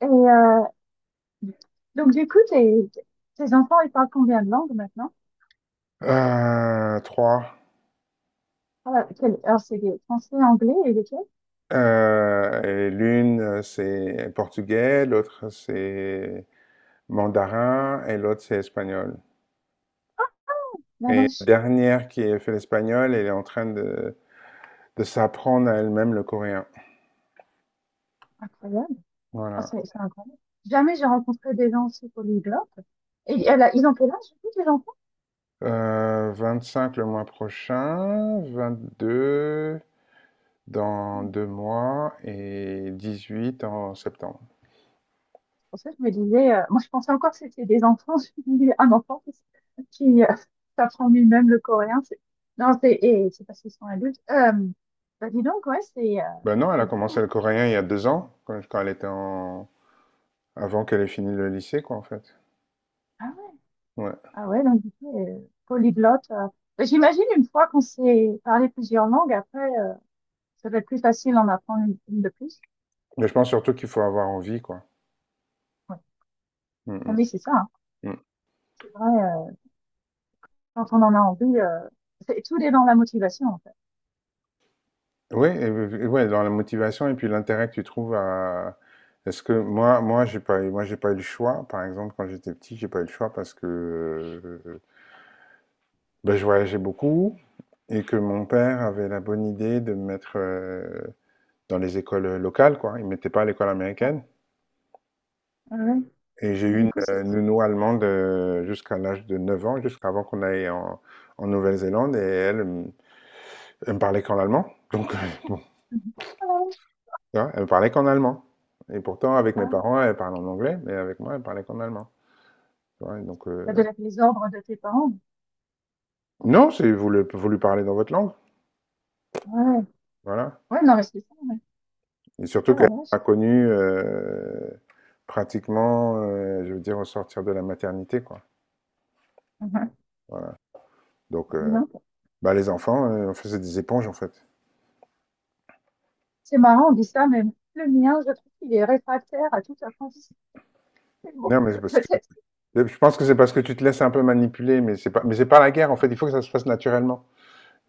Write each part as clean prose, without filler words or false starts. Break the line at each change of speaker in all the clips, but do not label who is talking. Et euh, donc, du coup, tes enfants, ils parlent combien de langues maintenant?
3,
Ah, bah, Alors, c'est des français, anglais et lesquels?
et l'une, c'est portugais, l'autre c'est mandarin et l'autre c'est espagnol
La
et la
vache.
dernière qui a fait l'espagnol, elle est en train de s'apprendre à elle-même le coréen.
Incroyable. Ah,
Voilà.
c'est incroyable. Jamais j'ai rencontré des gens aussi polyglottes. Ils ont quel âge, du coup, tes enfants?
25 le mois prochain, 22
C'est
dans 2 mois et 18 en septembre.
pour ça que je me disais, moi, je pensais encore que c'était des enfants. Je me disais, un enfant qui s'apprend lui-même le coréen. Non, c'est parce qu'ils sont adultes. Bah, dis donc, ouais,
Ben non, elle a
c'est dur, hein.
commencé le coréen il y a 2 ans, quand elle était en avant qu'elle ait fini le lycée quoi, en fait.
Ah ouais.
Ouais.
Ah ouais, donc du coup, polyglotte. Mais j'imagine une fois qu'on sait parler plusieurs langues, après, ça va être plus facile d'en apprendre une de plus.
Mais je pense surtout qu'il faut avoir envie, quoi.
Ouais. Ah, mais
Mmh,
c'est ça, hein.
mmh, mmh.
C'est vrai, quand on en a envie, c'est, tout est dans la motivation, en fait.
Oui, et ouais, dans la motivation et puis l'intérêt que tu trouves à. Est-ce que moi, j'ai pas, eu- moi, j'ai pas eu le choix. Par exemple, quand j'étais petit, j'ai pas eu le choix parce que euh, ben, je voyageais beaucoup et que mon père avait la bonne idée de me mettre dans les écoles locales, quoi. Il mettait pas à l'école
Ouais.
américaine.
Ah ouais.
Et j'ai eu
Du
une
coup, c'est...
nounou allemande jusqu'à l'âge de 9 ans, jusqu'avant qu'on aille en Nouvelle-Zélande. Et elle, elle me parlait qu'en allemand. Donc,
Mhm. Ah ouais.
tu vois, elle parlait qu'en allemand. Et pourtant, avec mes
Ah ouais.
parents, elle parlait en anglais, mais avec moi, elle parlait qu'en allemand. Tu vois, donc,
Ça doit être les ordres de tes parents.
non, si vous lui parlez dans votre langue,
Ouais.
voilà.
Ouais, non, mais c'est ça, ouais.
Et surtout
Oh la
qu'elle
vache.
a connu pratiquement, je veux dire, au sortir de la maternité, quoi.
Mhm.
Voilà. Donc,
Dis donc.
bah, les enfants, on faisait des éponges, en fait.
C'est marrant, on dit ça, mais le mien, je trouve qu'il est réfractaire à toute apprentissage. C'est bon,
Non, mais c'est parce que
peut-être.
je pense que c'est parce que tu te laisses un peu manipuler, mais c'est pas la guerre, en fait. Il faut que ça se fasse naturellement.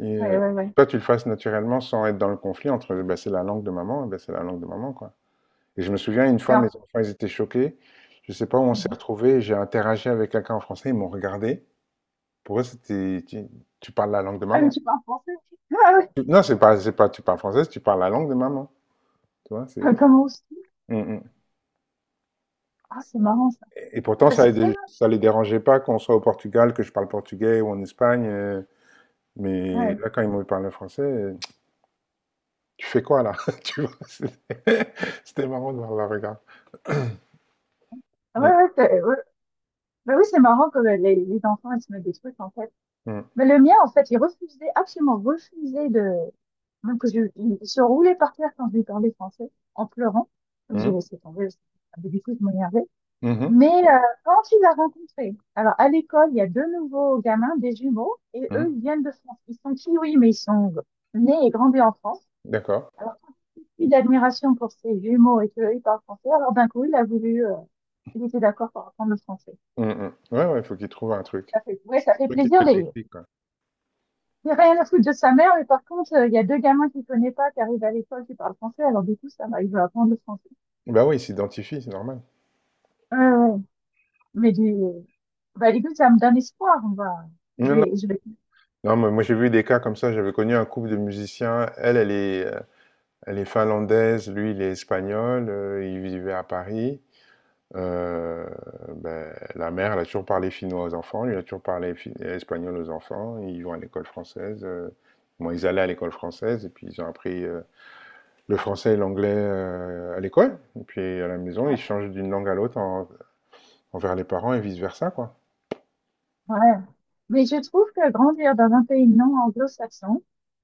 Et
Ouais, ouais, ouais.
toi, tu le fasses naturellement sans être dans le conflit entre, bah, c'est la langue de maman, bah, c'est la langue de maman, quoi. Et je me souviens, une
Mais
fois,
en-
mes enfants, ils étaient choqués. Je ne sais pas où on s'est retrouvés. J'ai interagi avec quelqu'un en français. Ils m'ont regardé. Pour eux, c'était, tu parles la langue de
Ah, mais
maman.
tu parles français. Ah ouais,
Non, c'est pas, tu parles française, tu parles la langue de maman. Tu vois,
Ah,
c'est.
comment aussi?
Mm, mm.
Ah, c'est marrant ça.
Et pourtant,
Bah,
ça,
c'est très
ça les dérangeait pas qu'on soit au Portugal, que je parle portugais ou en Espagne.
bien.
Mais
Ouais.
là, quand ils m'ont parlé français, tu fais quoi là? Tu vois, c'était c'était marrant de voir leur regard.
Ah ouais,
Mm,
ouais, ouais. Bah oui, c'est marrant que les enfants, ils se mettent des trucs en fait.
mm,
Mais le mien, en fait, il refusait, absolument refusait de. Même que je, il se roulait par terre quand je lui parlais français, en pleurant. Donc j'ai
mm,
laissé tomber. Parce que, ah, mais du coup, je m'énervais. Mais
mhm,
quand tu les as rencontrés, alors à l'école, il y a deux nouveaux gamins, des jumeaux, et eux,
mhm.
ils viennent de France. Ils sont kiwis, mais ils sont nés et grandis en France.
D'accord.
Alors, plus d'admiration pour ces jumeaux et qu'eux, ils parlent français, alors d'un coup, il était d'accord pour apprendre le français.
Mm, mm. Ouais, ouais, il faut qu'ils trouvent un truc.
Ça fait, ouais, ça fait
Truc qui
plaisir,
fait le
il
déclic, quoi.
n'y a rien à foutre de sa mère, mais par contre, il y a deux gamins qu'il ne connaît pas, qui arrivent à l'école, qui parlent français, alors du coup, ça va, il veut apprendre le français.
Bah oui, il s'identifie, c'est normal.
Ouais, ouais. Mais du, bah, du coup, ça me donne espoir,
Non, non.
je vais.
Non, mais moi j'ai vu des cas comme ça. J'avais connu un couple de musiciens. Elle, elle est finlandaise, lui, il est espagnol. Ils vivaient à Paris. Euh, ben, la mère, elle a toujours parlé finnois aux enfants. Lui, il a toujours parlé espagnol aux enfants. Ils vont à l'école française. Bon, ils allaient à l'école française et puis ils ont appris le français et l'anglais à l'école. Et puis à la maison, ils changent d'une langue à l'autre envers les parents et vice-versa, quoi.
Ouais. Mais je trouve que grandir dans un pays non anglo-saxon,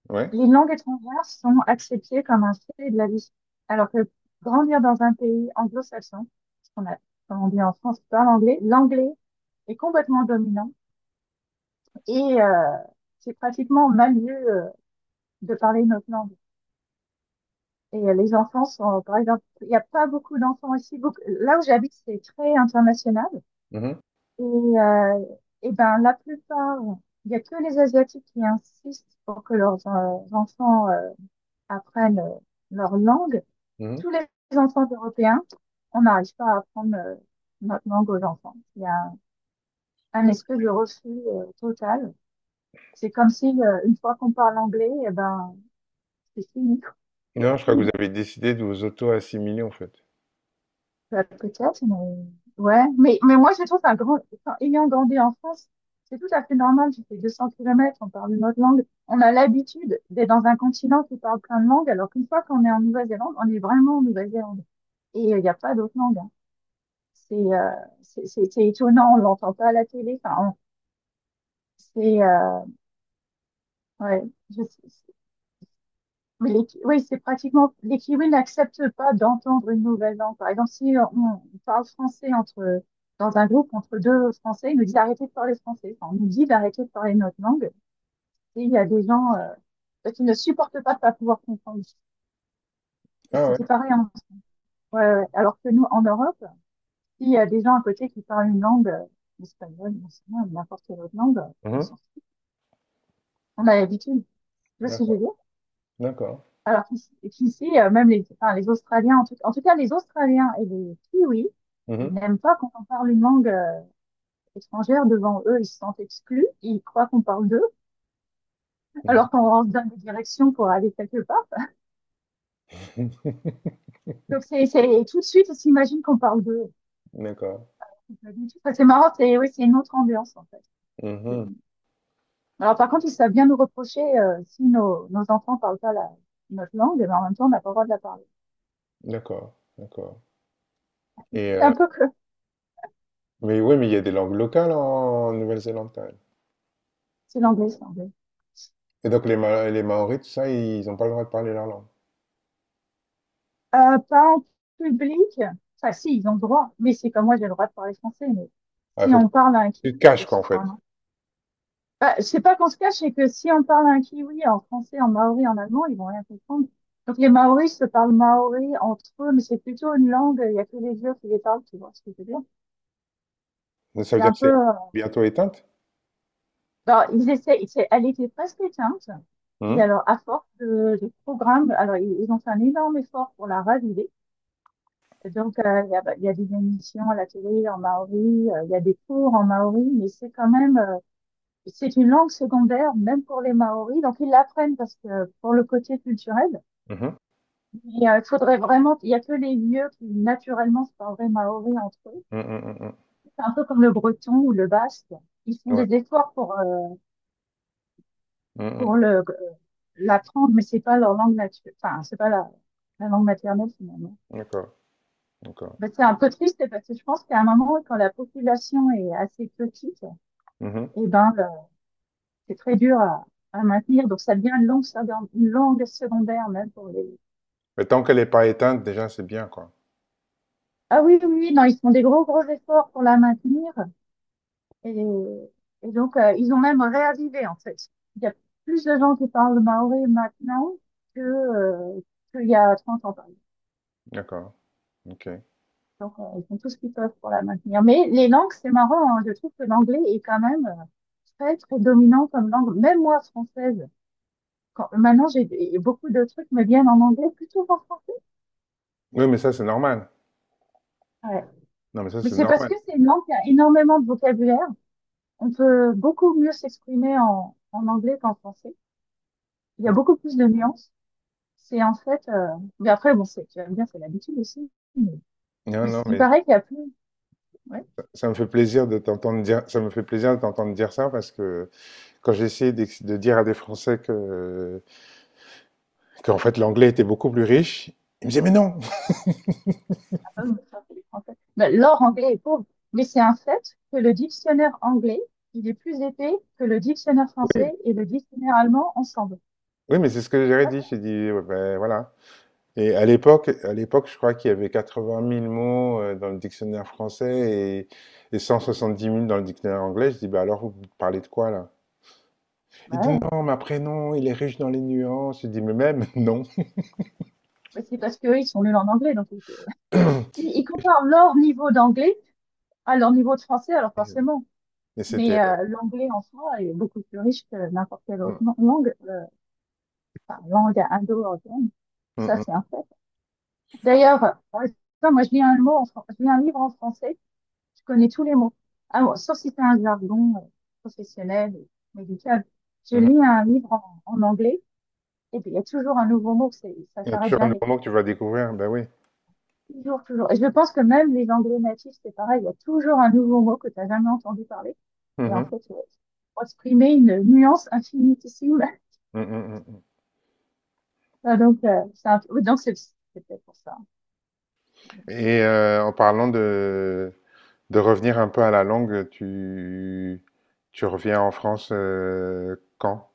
Ouais.
les langues étrangères sont acceptées comme un fait de la vie. Alors que grandir dans un pays anglo-saxon, parce qu'on a, comme on dit en France, pas l'anglais, l'anglais est complètement dominant et euh, c'est pratiquement mal vu de parler notre langue. Les enfants sont, par exemple, il n'y a pas beaucoup d'enfants ici. Beaucoup, là où j'habite, c'est très international.
Mhm.
Et, euh, et ben, la plupart, il n'y a que les Asiatiques qui insistent pour que leurs enfants apprennent leur langue.
Mhm.
Tous les enfants européens, on n'arrive pas à apprendre notre langue aux enfants. Il y a un espèce de refus total. C'est comme si, une fois qu'on parle anglais, et ben, c'est fini. Quoi. Il n'y a
Non, je crois que
plus
vous avez décidé de vous auto-assimiler, en fait.
bah, peut-être, mais ouais. Mais moi, je trouve un grand, enfin, ayant grandi en France, c'est tout à fait normal. Tu fais 200 km, on parle une autre langue. On a l'habitude d'être dans un continent qui parle plein de langues, alors qu'une fois qu'on est en Nouvelle-Zélande, on est vraiment en Nouvelle-Zélande. Il n'y a pas d'autre langue. Hein. C'est euh, c'est c'est étonnant, on l'entend pas à la télé. C'est ouais. Je, oui, c'est pratiquement, les Kiwis n'acceptent pas d'entendre une nouvelle langue. Par exemple, si on parle français entre, dans un groupe entre deux Français, ils nous disent d'arrêter de parler français. Enfin, on nous dit d'arrêter de parler notre langue. Et il y a des gens qui ne supportent pas de pas pouvoir comprendre. Et
Ah ouais?
c'était pareil. Ouais, ouais. Alors que nous, en Europe, s'il y a des gens à côté qui parlent une langue, l'espagnol, l'anglais, n'importe quelle autre langue, on
Mmh.
s'en fout. On a l'habitude. Tu vois ce que je veux
D'accord,
dire?
d'accord.
Qu'ici, même les Australiens, en tout cas les Australiens et les Kiwis, ils
Mmh.
n'aiment pas quand on parle une langue étrangère devant eux, ils se sentent exclus, ils croient qu'on parle d'eux,
Mmh.
alors qu'on rentre dans des directions pour aller quelque part. C'est et tout de suite, on s'imagine qu'on parle d'eux.
D'accord.
Pas du tout. Enfin, c'est marrant, c'est oui, c'est une autre ambiance en fait.
Mmh.
Alors par contre, ils savent bien nous reprocher si nos enfants parlent pas notre langue, mais en même temps, on n'a pas le droit de la parler.
D'accord, d'accord. Et
C'est un peu que
mais oui, mais il y a des langues locales en Nouvelle-Zélande, quand même.
c'est l'anglais.
Et donc les Ma les Maoris, tout ça, ils ont pas le droit de parler leur langue?
Pas en public. Enfin, si, ils ont le droit. Mais c'est comme moi, j'ai le droit de parler français, mais
Ah, il
si
faut que
on parle à un kiwi,
tu te
il faut
caches,
que
quoi,
ce
en
soit
fait.
un an. Bah, je sais pas qu'on se cache, c'est que si on parle à un kiwi en français, en maori, en allemand, ils vont rien comprendre. Donc, les maoris se parlent maori entre eux, mais c'est plutôt une langue, il y a que les vieux qui les parlent, tu vois ce que je veux dire.
Ça veut
C'est
dire
un
que
peu,
c'est
euh,
bientôt éteinte?
alors, ils essaient, elle était presque éteinte. Et
Mmh.
alors, à force de programmes, alors, ils ont fait un énorme effort pour la raviver. Et donc, il y a, bah, il y a des émissions à la télé en maori, il y a des cours en maori, mais c'est quand même, c'est une langue secondaire, même pour les maoris. Donc, ils l'apprennent parce que pour le côté culturel,
Mmh mh.
mais, il faudrait vraiment, il y a que les lieux qui naturellement se parleraient maori entre eux.
Mmh mh, mmh.
C'est un peu comme le breton ou le basque. Ils font
Ouais.
des efforts
Mmh
pour
mh.
l'apprendre, mais c'est pas leur langue naturelle, enfin, c'est pas la langue maternelle finalement.
D'accord, d'accord.
Ben, c'est un peu triste parce que je pense qu'à un moment, quand la population est assez petite,
Mmh.
eh ben, le- c'est très dur à maintenir. Donc, ça devient une langue secondaire, même pour les.
Mais tant qu'elle est pas éteinte, déjà, c'est bien, quoi.
Ah oui, oui, oui, non, ils font des gros, gros efforts pour la maintenir. Et, et donc, ils ont même réavivé, en fait. Il y a plus de gens qui parlent maoré maintenant que, euh, qu'il y a 30 ans, par exemple.
D'accord, OK.
Donc, ils font tout ce qu'ils peuvent pour la maintenir. Mais les langues, c'est marrant, hein. Je trouve que l'anglais est quand même très, très dominant comme langue. Même moi, française, maintenant, j'ai et beaucoup de trucs me viennent en anglais plutôt qu'en français.
Oui, mais ça, c'est normal.
Ouais.
Non, mais ça,
Mais
c'est
c'est parce
normal.
que c'est une langue qui a énormément de vocabulaire. On peut beaucoup mieux s'exprimer en anglais qu'en français. Il y a
Mmh.
beaucoup plus de nuances. C'est en fait, euh... mais après, bon, tu vas me dire, c'est l'habitude aussi.
Non,
Mais
non,
il
mais ça,
paraît qu'il y a plus, ouais,
ça me fait plaisir de t'entendre dire, ça me fait plaisir de t'entendre dire ça parce que quand de dire à des Français que, qu'en fait l'anglais était beaucoup plus riche, ils me disaient, mais non!
ah, pardon, je parle que les Français. Ben, l'or anglais est pauvre. Mais c'est un fait que le dictionnaire anglais, il est plus épais que le dictionnaire français et le dictionnaire allemand ensemble.
Oui, mais c'est ce que j'aurais
Ça,
dit. J'ai dit, ouais, ben, voilà. Et à l'époque, je crois qu'il y avait 80 000 mots dans le dictionnaire français et 170 000 dans le dictionnaire anglais. Je dis, bah alors, vous parlez de quoi là?
bah
Il dit,
ouais.
non, ma prénom, il est riche dans les nuances. Je dis, mais même, non.
Mais c'est parce qu'eux, ils sont nuls en anglais, ils comparent leur niveau d'anglais à leur niveau de français, alors forcément.
Et c'était.
Mais l'anglais en soi est beaucoup plus riche que n'importe quelle
euh,
autre langue, langue indo-européenne.
mm, mm,
Ça, c'est
mm.
un fait. D'ailleurs, par exemple, moi, je lis un livre en français, je connais tous les mots. Ah, bon, sauf si c'est un jargon professionnel ou médical. Je
Mmh mh.
lis un livre en anglais, et puis il y a toujours un nouveau mot, ça
Et
s'arrête
sur un
jamais.
nouveau mot que tu vas découvrir, ben oui.
Toujours, toujours. Et je pense que même les anglais natifs, c'est pareil, il y a toujours un nouveau mot que tu n'as jamais entendu parler. Et
Mmh
en
mh.
fait, exprimer une nuance infinitissime
Mmh mh, mmh.
ah, donc, oui, donc c'est peut-être pour ça.
Et en parlant de revenir un peu à la langue, tu reviens en France, quand?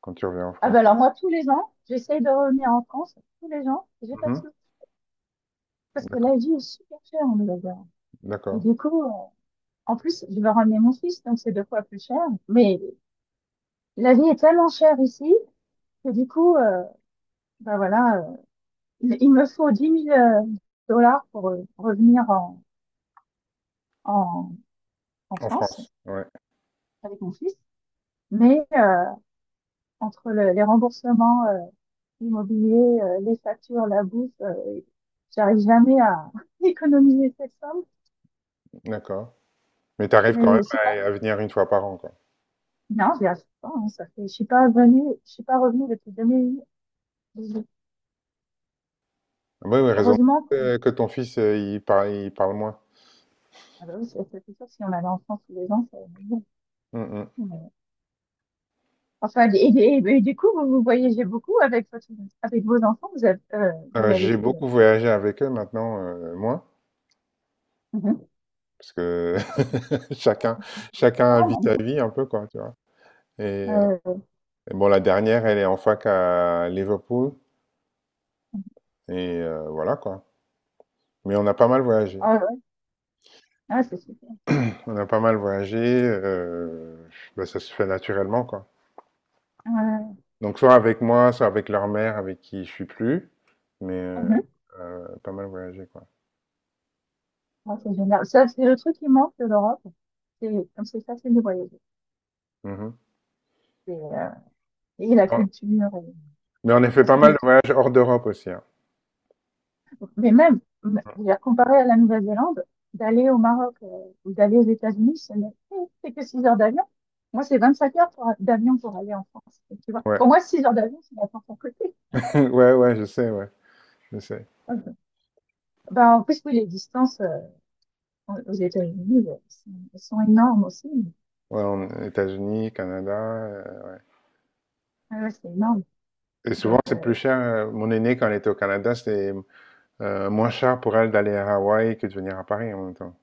Quand tu reviens en
Ah
France?
ben alors moi, tous les ans, j'essaye de revenir en France, tous les ans, j'ai pas de
Mmh.
sous. Parce que
D'accord,
la vie est super chère en Nouvelle-Zélande. Et
d'accord.
du coup, en plus, je vais ramener mon fils, donc c'est deux fois plus cher. Mais la vie est tellement chère ici que du coup, bah voilà, il me faut 10 000 dollars pour revenir en, en
En
France
France? Ouais,
avec mon fils. Mais les remboursements l'immobilier, les factures, la bouffe, j'arrive jamais à économiser cette somme.
d'accord. Mais tu arrives quand
Mais
même
je sais pas,
à venir une fois par an, quoi?
non, j'y arrive pas, hein, ça fait, je suis pas revenue depuis 2018.
Ah bah oui, oui, raison
Heureusement qu'on,
que ton fils, il parle moins.
ah bah oui, c'est sûr, si on allait en France tous les ans, ça aurait été bon.
Mmh mh.
Mais- Enfin, et du coup, vous voyagez beaucoup avec avec vos enfants, vous avez
J'ai
fait,
beaucoup voyagé avec eux, maintenant, moins,
Mhm.
parce que chacun chacun vit sa vie un peu, quoi, tu vois? Et, euh,
Euh,
et bon, la dernière, elle est en fac à Liverpool. Et voilà quoi. Mais on a pas mal voyagé.
ah ouais, ah, c'est super.
On a pas mal voyagé. euh, ben, ça se fait naturellement quoi. Donc soit avec moi, soit avec leur mère, avec qui je suis plus. Mais
Euh,
pas mal voyagé quoi.
Ah, c'est génial. Ça, c'est le truc qui manque de l'Europe. C'est comme c'est facile de voyager.
Mhm.
Et, euh, et la
Bon,
culture.
mais on a fait
Parce
pas
qu'on
mal
est
de
trop...
voyages hors d'Europe aussi, hein.
Mais même, je veux dire, comparé à la Nouvelle-Zélande, d'aller au Maroc ou d'aller aux États-Unis, ce n'est c'est que 6 heures d'avion. Moi, c'est 25 heures d'avion pour aller en France. Et tu vois,
Ouais.
pour moi, 6 heures d'avion, c'est la France à côté.
Ouais, ouais, je sais, ouais, je sais.
Ben, en plus, oui, les distances aux États-Unis sont énormes aussi.
Ouais, États-Unis, Canada.
Ah ouais, c'est énorme.
Et souvent,
Donc,
c'est plus cher. Mon aîné, quand il était au Canada, c'était moins cher pour elle d'aller à Hawaï que de venir à Paris en même temps.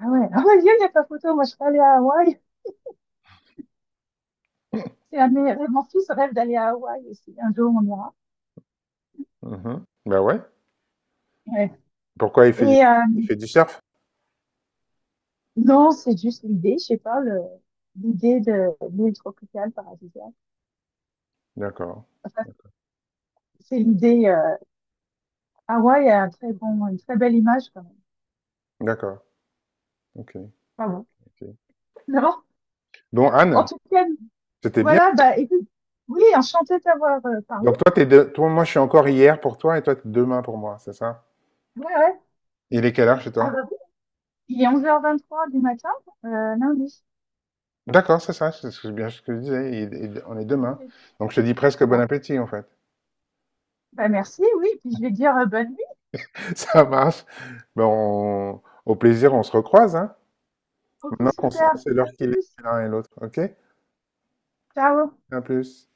ah ouais, ah ouais, il n'y a pas photo. Moi, je suis allée à Hawaï. C'est un de mes rêves. Mon fils rêve d'aller à Hawaï aussi. Un jour, on ira.
Mhm. Ben ouais.
Ouais.
Pourquoi il fait,
Et euh,
il fait du surf?
non, c'est juste l'idée, je sais pas, l'idée de l'île tropicale paradisiaque.
D'accord.
Enfin, c'est l'idée. Hawaï a une très belle image quand même.
D'accord. Ok.
Pas bon.
Ok.
Non,
Bon,
en
Anne,
tout cas,
c'était bien.
voilà. Bah, écoute, oui, enchanté d'avoir parlé.
Donc toi, t'es toi, moi, je suis encore hier pour toi et toi, t'es demain pour moi, c'est ça?
Ouais, ouais.
Il est quelle heure chez
Ah
toi?
bah oui, il est 11h23 du matin, lundi.
D'accord, c'est ça, bien ce que je disais. Il- on est demain.
Oui.
Donc je te dis presque bon
Voilà.
appétit, en fait.
Bah merci, oui. Puis je vais dire bonne nuit.
Ça marche. Ben, au plaisir, on se recroise, hein.
Ok,
Maintenant on
super.
sait
À
l'heure qu'il
plus.
est l'un et l'autre. Ok?
Ciao.
À plus.